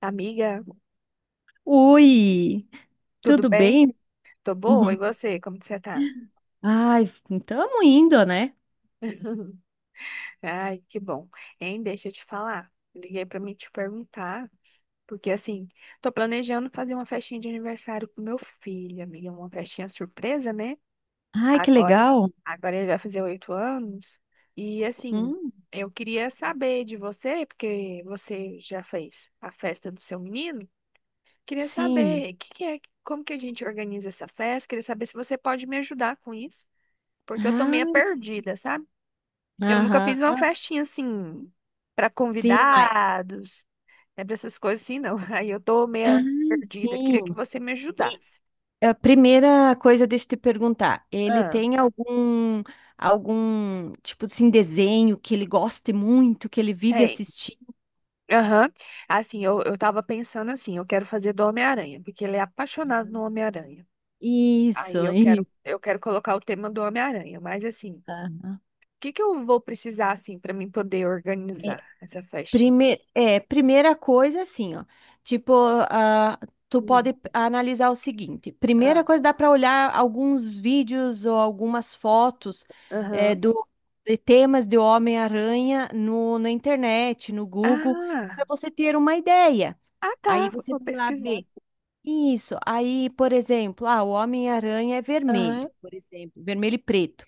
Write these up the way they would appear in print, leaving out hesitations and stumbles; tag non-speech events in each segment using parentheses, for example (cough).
Amiga, Oi, tudo tudo bem? bem? Tô boa, e Uhum. você? Como que você tá? Ai, estamos indo, né? (laughs) Ai, que bom. Hein, deixa eu te falar. Liguei pra me te perguntar, porque assim, tô planejando fazer uma festinha de aniversário pro meu filho, amiga, uma festinha surpresa, né? Ai, que Agora, legal. agora ele vai fazer 8 anos, e assim, Hum, eu queria saber de você, porque você já fez a festa do seu menino, queria sim. saber o que que é, como que a gente organiza essa festa, queria saber se você pode me ajudar com isso. Porque eu tô Ah, meio sim. perdida, sabe? Nunca fiz uma Aham. festinha assim pra Sim, mas. convidados, né, para essas coisas assim, não. (laughs) Aí eu tô Ah, meio perdida. Queria que sim. você me E ajudasse. a primeira coisa, deixa eu te perguntar: ele ah, tem algum tipo assim, desenho que ele goste muito, que ele vive Tem. assistindo? Aham. Assim, eu tava pensando assim, eu quero fazer do Homem-Aranha, porque ele é apaixonado no Homem-Aranha. Aí Isso, eu quero, isso. eu quero colocar o tema do Homem-Aranha, mas assim, o Aham. que que eu vou precisar assim pra mim poder organizar essa festinha? É, primeira coisa, assim, ó. Tipo, ah, tu pode Hum, analisar o seguinte: ah, primeira coisa, dá para olhar alguns vídeos ou algumas fotos é, Aham. do, de temas de Homem-Aranha na internet, no Google, para Ah, você ter uma ideia. ah Aí tá, você vou vai lá pesquisar. ver. Isso. Aí, por exemplo, o Homem-Aranha é Aham. vermelho, por exemplo, vermelho e preto.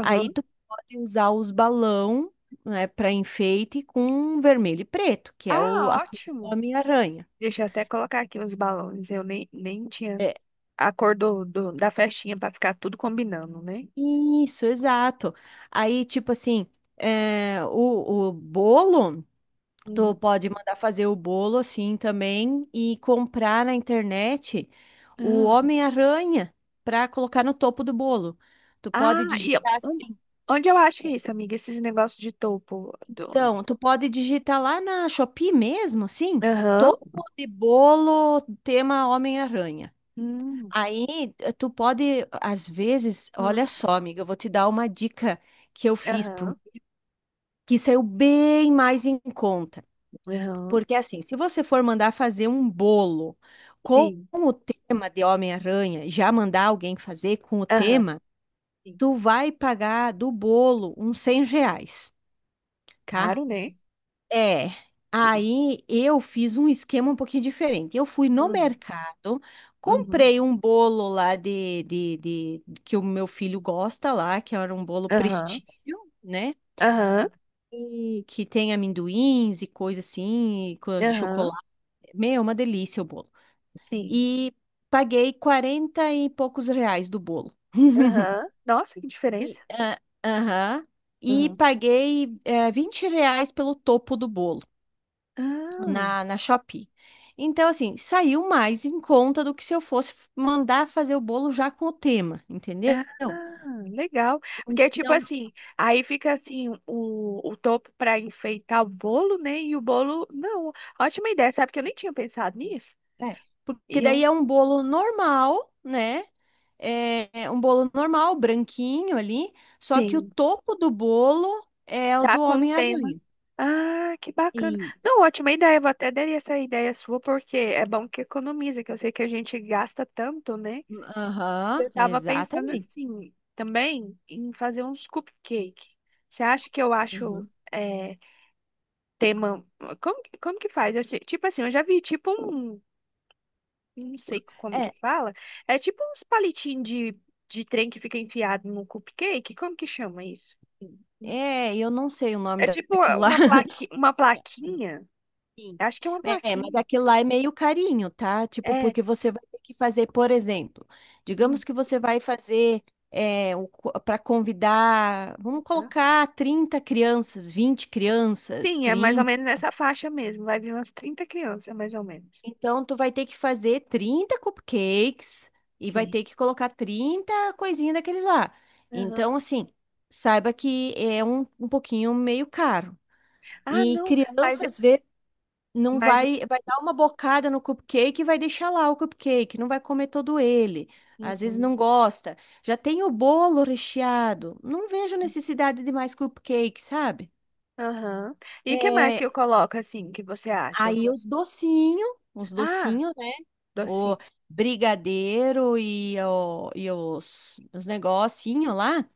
Aí tu pode usar os balão, né, para enfeite com vermelho e preto, que é o a Ah, cor do ótimo. Homem-Aranha. Deixa eu até colocar aqui os balões. Eu nem tinha É. a cor da festinha para ficar tudo combinando, né? Isso, exato. Aí, tipo assim, o bolo, tu Uhum. pode mandar fazer o bolo assim também e comprar na internet o Ah, Homem-Aranha para colocar no topo do bolo. Tu ah, pode e eu- digitar onde, assim. onde eu acho isso, amiga? Esses negócios de topo. Então, tu pode digitar lá na Shopee mesmo, sim, Aham. topo de bolo tema Homem-Aranha. Hum, Aí tu pode, às vezes, olha hum, só, amiga, eu vou te dar uma dica que eu fiz para um Aham. que saiu bem mais em conta. Aham. Porque assim, se você for mandar fazer um bolo com Sim. o tema de Homem-Aranha, já mandar alguém fazer com o Aham. tema, Sim. tu vai pagar do bolo uns R$ 100. Tá? Caro, né? É, aí eu fiz um esquema um pouquinho diferente. Eu fui no Hum, mercado, uhum. comprei um bolo lá que o meu filho gosta lá, que era um bolo Aham. prestígio, né? Aham. E que tem amendoins e coisa assim, e de Aham. chocolate. Meu, uma delícia o bolo. Sim. E paguei 40 e poucos reais do bolo. (laughs) Aham. Nossa, que diferença. E, aham. E Aham. paguei, R$ 20 pelo topo do bolo. Ah. Na Shopee. Então, assim, saiu mais em conta do que se eu fosse mandar fazer o bolo já com o tema, entendeu? Ah, legal. Porque, é tipo Então, assim, aí fica assim o topo para enfeitar o bolo, né? E o bolo, não. Ótima ideia, sabe? Que eu nem tinha pensado nisso. é, porque E daí eu é um bolo normal, né? É um bolo normal, branquinho ali, só que o sim, topo do bolo é o tá do com o tema. Homem-Aranha. Ah, que bacana. E- Não, ótima ideia. Eu vou até dar essa ideia sua, porque é bom que economiza, que eu sei que a gente gasta tanto, né? Aham, Eu tava pensando exatamente. assim, também, em fazer uns cupcake. Você acha que eu acho. Aham. eh, Tema. Como que faz? Tipo assim, eu já vi tipo um. Não sei como que É, fala. É tipo uns palitinhos de trem que fica enfiado no cupcake. Como que chama isso? Eu não sei o nome É tipo uma, daquilo lá. uma (laughs) plaqui, uma plaquinha. Sim. Acho que é uma É, mas plaquinha. aquilo lá é meio carinho, tá? Tipo, É. porque você vai ter que fazer, por exemplo, digamos Hum, que você vai fazer para convidar, vamos tá. colocar 30 crianças, 20 crianças, Sim, é mais ou 30. menos nessa faixa mesmo. Vai vir umas 30 crianças, mais ou menos. Então, tu vai ter que fazer 30 cupcakes e vai Sim. ter que colocar 30 coisinhas daqueles lá. Então, Aham. assim, saiba que é um pouquinho meio caro. Ah, E não. Mas, crianças. Não mas. vai, vai dar uma bocada no cupcake e vai deixar lá o cupcake, não vai comer todo ele. Às vezes Uhum. não gosta. Já tem o bolo recheado. Não vejo necessidade de mais cupcake, sabe? Aham. E o que mais É, que eu coloco assim, que você acha? Aí os Ah, docinhos, né? O docinho. brigadeiro e os negocinhos lá,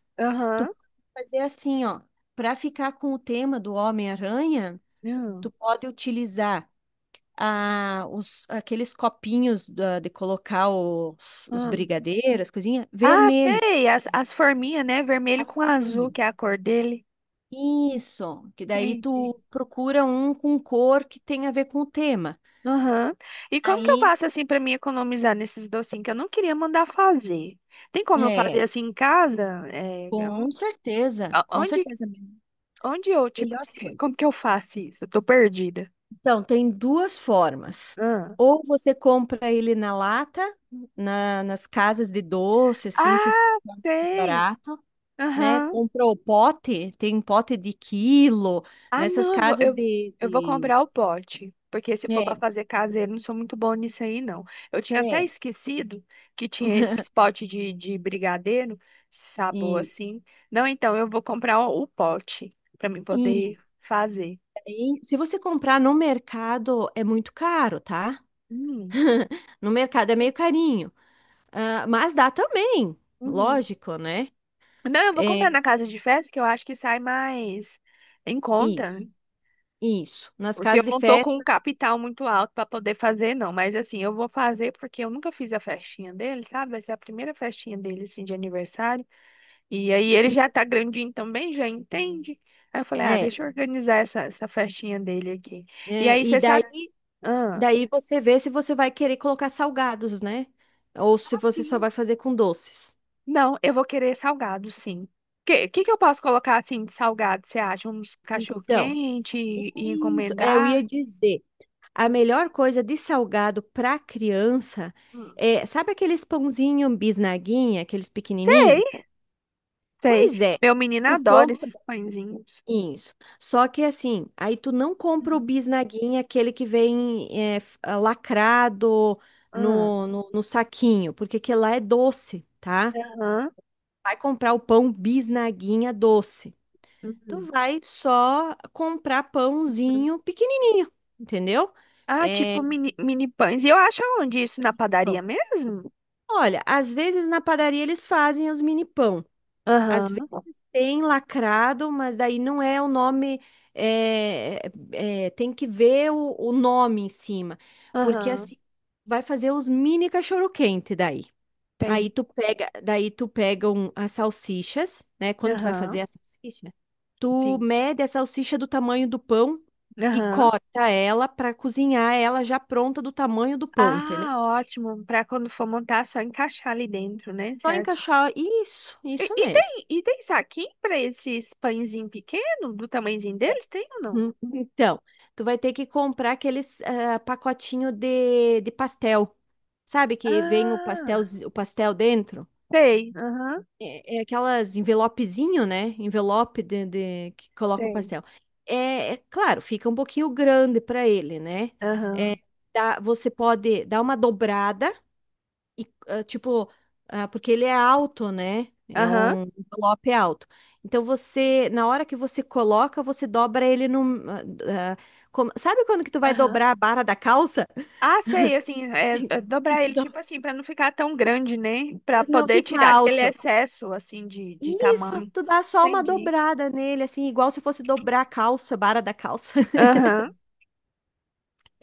tu Aham. pode fazer assim, ó. Para ficar com o tema do Homem-Aranha, Hum, tu pode utilizar aqueles copinhos de colocar os hum. brigadeiros, coisinha, Ah, vermelho, sei, as forminhas, né? Vermelho as com azul, bolinhas. que é a cor dele. Isso, que daí Entendi. tu procura um com cor que tem a ver com o tema. Aham. E como que eu Aí, faço assim pra me economizar nesses docinhos que eu não queria mandar fazer? Tem como eu fazer é, assim em casa? É, a- com onde, certeza, onde eu, tipo, melhor (laughs) coisa. como que eu faço isso? Eu tô perdida. Então, tem duas formas. Ah, Ou você compra ele na lata, nas casas de doce, assim, que é Ah, mais sei. barato, né? Aham. Comprou pote, tem pote de quilo, Ah, nessas não, eu, vou- casas eu de, eu vou de... comprar o pote. Porque se for para É, fazer caseiro, não sou muito bom nisso aí, não. Eu tinha até é, esquecido que tinha esses potes de brigadeiro, sabor e, assim. Não, então eu vou comprar o pote para mim e poder isso fazer. aí, se você comprar no mercado, é muito caro, tá? Hum, (laughs) No mercado é meio carinho, ah, mas dá também, uhum. lógico, né? Não, eu vou É, comprar na casa de festa, que eu acho que sai mais em conta. isso, isso. Nas Porque eu casas de não tô com um festa, capital muito alto para poder fazer, não. Mas assim, eu vou fazer porque eu nunca fiz a festinha dele, sabe? Vai ser a primeira festinha dele, assim, de aniversário. E aí ele já tá grandinho também, já entende. Aí eu falei, ah, é, deixa eu organizar essa festinha dele aqui. E aí e você daí, sabe. Ah, daí você vê se você vai querer colocar salgados, né? Ou se você só sim. vai fazer com doces. Não, eu vou querer salgado, sim. Que que eu posso colocar assim de salgado? Você acha? Uns Então, cachorro-quente e isso, eu encomendar? ia dizer. A Hum, melhor coisa de salgado para criança hum. é, sabe aqueles pãozinho bisnaguinha, aqueles pequenininho? Sei, sei. Pois é. Meu menino Tu adora compra esses pãezinhos. isso. Só que assim, aí tu não compra o bisnaguinha, aquele que vem lacrado Ah, no saquinho, porque aquele lá é doce, tá? aham, Vai comprar o pão bisnaguinha doce. Tu uhum, vai só comprar uhum. pãozinho pequenininho, entendeu? Ah, É, tipo mini pães. E eu acho onde isso? Na padaria mesmo? olha, às vezes na padaria eles fazem os mini pão. Às Aham, vezes tem lacrado, mas daí não é o nome. é, Tem que ver o nome em cima. Porque aham, assim, vai fazer os mini cachorro-quente daí. Aí tem. tu pega, daí tu pega um- as salsichas, né? Quando tu vai fazer Aham, a salsicha, tu sim. mede a salsicha do tamanho do pão e Aham. corta ela para cozinhar ela já pronta do tamanho do pão, entendeu? Ah, ótimo. Pra quando for montar, só encaixar ali dentro, né? Só Certo. encaixar. Isso, E, isso e mesmo. tem, e tem saquinho pra esses pãezinhos pequenos, do tamanhozinho deles? Tem ou não? Então, tu vai ter que comprar aqueles pacotinho de pastel. Sabe que vem Ah, o pastel dentro? tem. Aham, É, é aquelas envelopezinho, né? Envelope de que coloca o tem. pastel. É, é claro, fica um pouquinho grande para ele, né? É, Aham, você pode dar uma dobrada e, tipo, porque ele é alto, né? É aham, um envelope alto. Então você, na hora que você coloca, você dobra ele no. ah, sabe quando que tu vai aham. dobrar a barra da calça? (laughs) Ah, sei, assim, é E dobrar tu ele, do- tipo assim, pra não ficar tão grande, né? Pra não poder fica tirar aquele alto. excesso, assim, de Isso, tamanho. tu dá só uma Entendi. dobrada nele, assim, igual se fosse dobrar a calça, barra da calça. (laughs) Aham,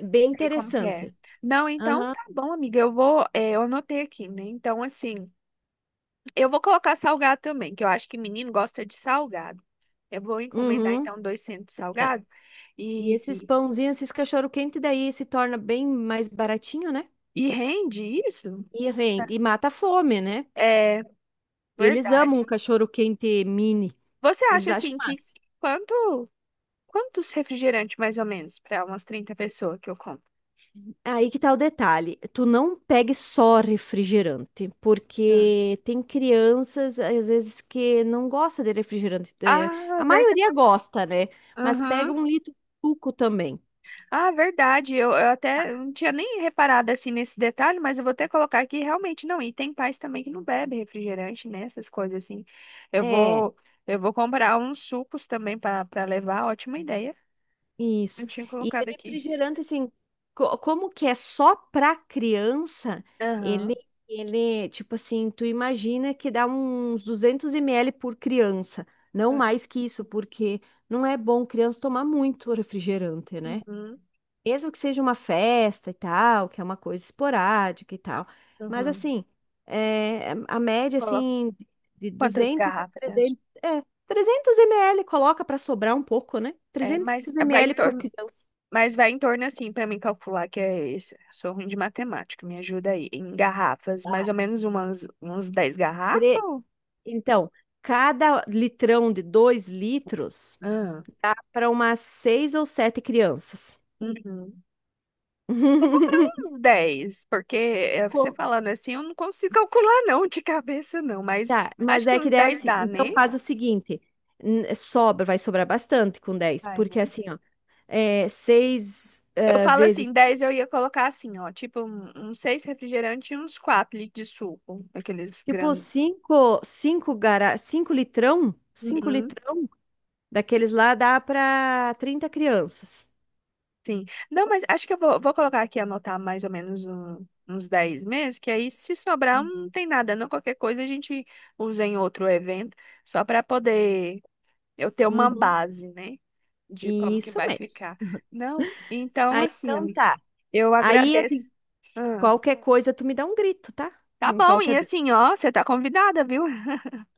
Bem sei como que é. interessante. Não, então Aham. tá bom, amiga, eu anotei aqui, né? Então, assim, eu vou colocar salgado também, que eu acho que menino gosta de salgado. Eu vou encomendar, Uhum. então, 200 É. salgado E e, esses e pãozinhos, esses cachorro-quente daí se torna bem mais baratinho, né? e rende isso? E Tá. rende, e mata a fome, né? É Eles amam um verdade. cachorro quente mini. Você Eles acha, acham assim, que massa. quanto. Quantos refrigerantes, mais ou menos, para umas 30 pessoas que eu compro? Aí que tá o detalhe. Tu não pegue só refrigerante, Ah, porque tem crianças, às vezes, que não gosta de refrigerante. É, Ah, a verdade. maioria gosta, né? Mas pega Aham. 1 litro de suco também. Ah, verdade. Eu até não tinha nem reparado assim nesse detalhe, mas eu vou até colocar aqui realmente não. E tem pais também que não bebe refrigerante, né? Essas coisas assim. Eu É. vou, eu vou comprar uns sucos também para levar. Ótima ideia. Isso. Não tinha E colocado aqui. refrigerante, assim, como que é só para criança, ele, Aham. ele, tipo assim, tu imagina que dá uns 200 ml por criança, não mais que isso, porque não é bom criança tomar muito refrigerante, né? Uhum. Mesmo que seja uma festa e tal, que é uma coisa esporádica e tal. Mas, Uhum. assim, a média, Coloca. assim, de Quantas 200 a garrafas você acha? 300... É, 300 ml, coloca para sobrar um pouco, né? É, 300 vai em ml por torno criança. Mas vai em torno assim pra mim calcular que é esse. Sou ruim de matemática, me ajuda aí. Em garrafas, mais Vai. ou menos uns 10 garrafas? Tre- Então, cada litrão de 2 litros Ah, dá para umas 6 ou 7 crianças. uhum. Vou comprar (laughs) uns 10, porque é, você Com- falando assim eu não consigo calcular não de cabeça não, mas Tá, acho mas que é que uns daí 10 assim, dá, então né? faz o seguinte, sobra, vai sobrar bastante com 10 Vai, né? porque assim, seis Eu falo assim, vezes, 10 eu ia colocar assim, ó, tipo uns 6 refrigerantes e uns 4 litros de suco, aqueles tipo grandes. Cinco litrão daqueles lá dá para 30 crianças. Sim. Não, mas acho que eu vou colocar aqui, anotar mais ou menos uns 10 meses, que aí se sobrar não tem nada, não. Qualquer coisa a gente usa em outro evento, só para poder eu ter uma Uhum. base, né, de como que Isso vai mesmo. ficar. Não, então Ah, assim, então amiga, tá. eu Aí, agradeço. assim, Ah, qualquer coisa tu me dá um grito, tá? tá Em bom, qualquer e dúvida. assim, ó, você tá convidada, viu?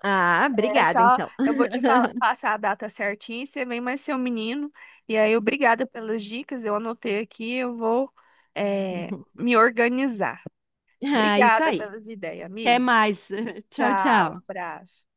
Ah, É obrigada, só, então. eu vou te falar, passar a data certinha, você vem mais seu menino. E aí, obrigada pelas dicas, eu anotei aqui, eu vou (laughs) me organizar. Ah, isso Obrigada aí. pelas ideias, Até amiga. mais. (laughs) Tchau, Tchau, tchau. abraço.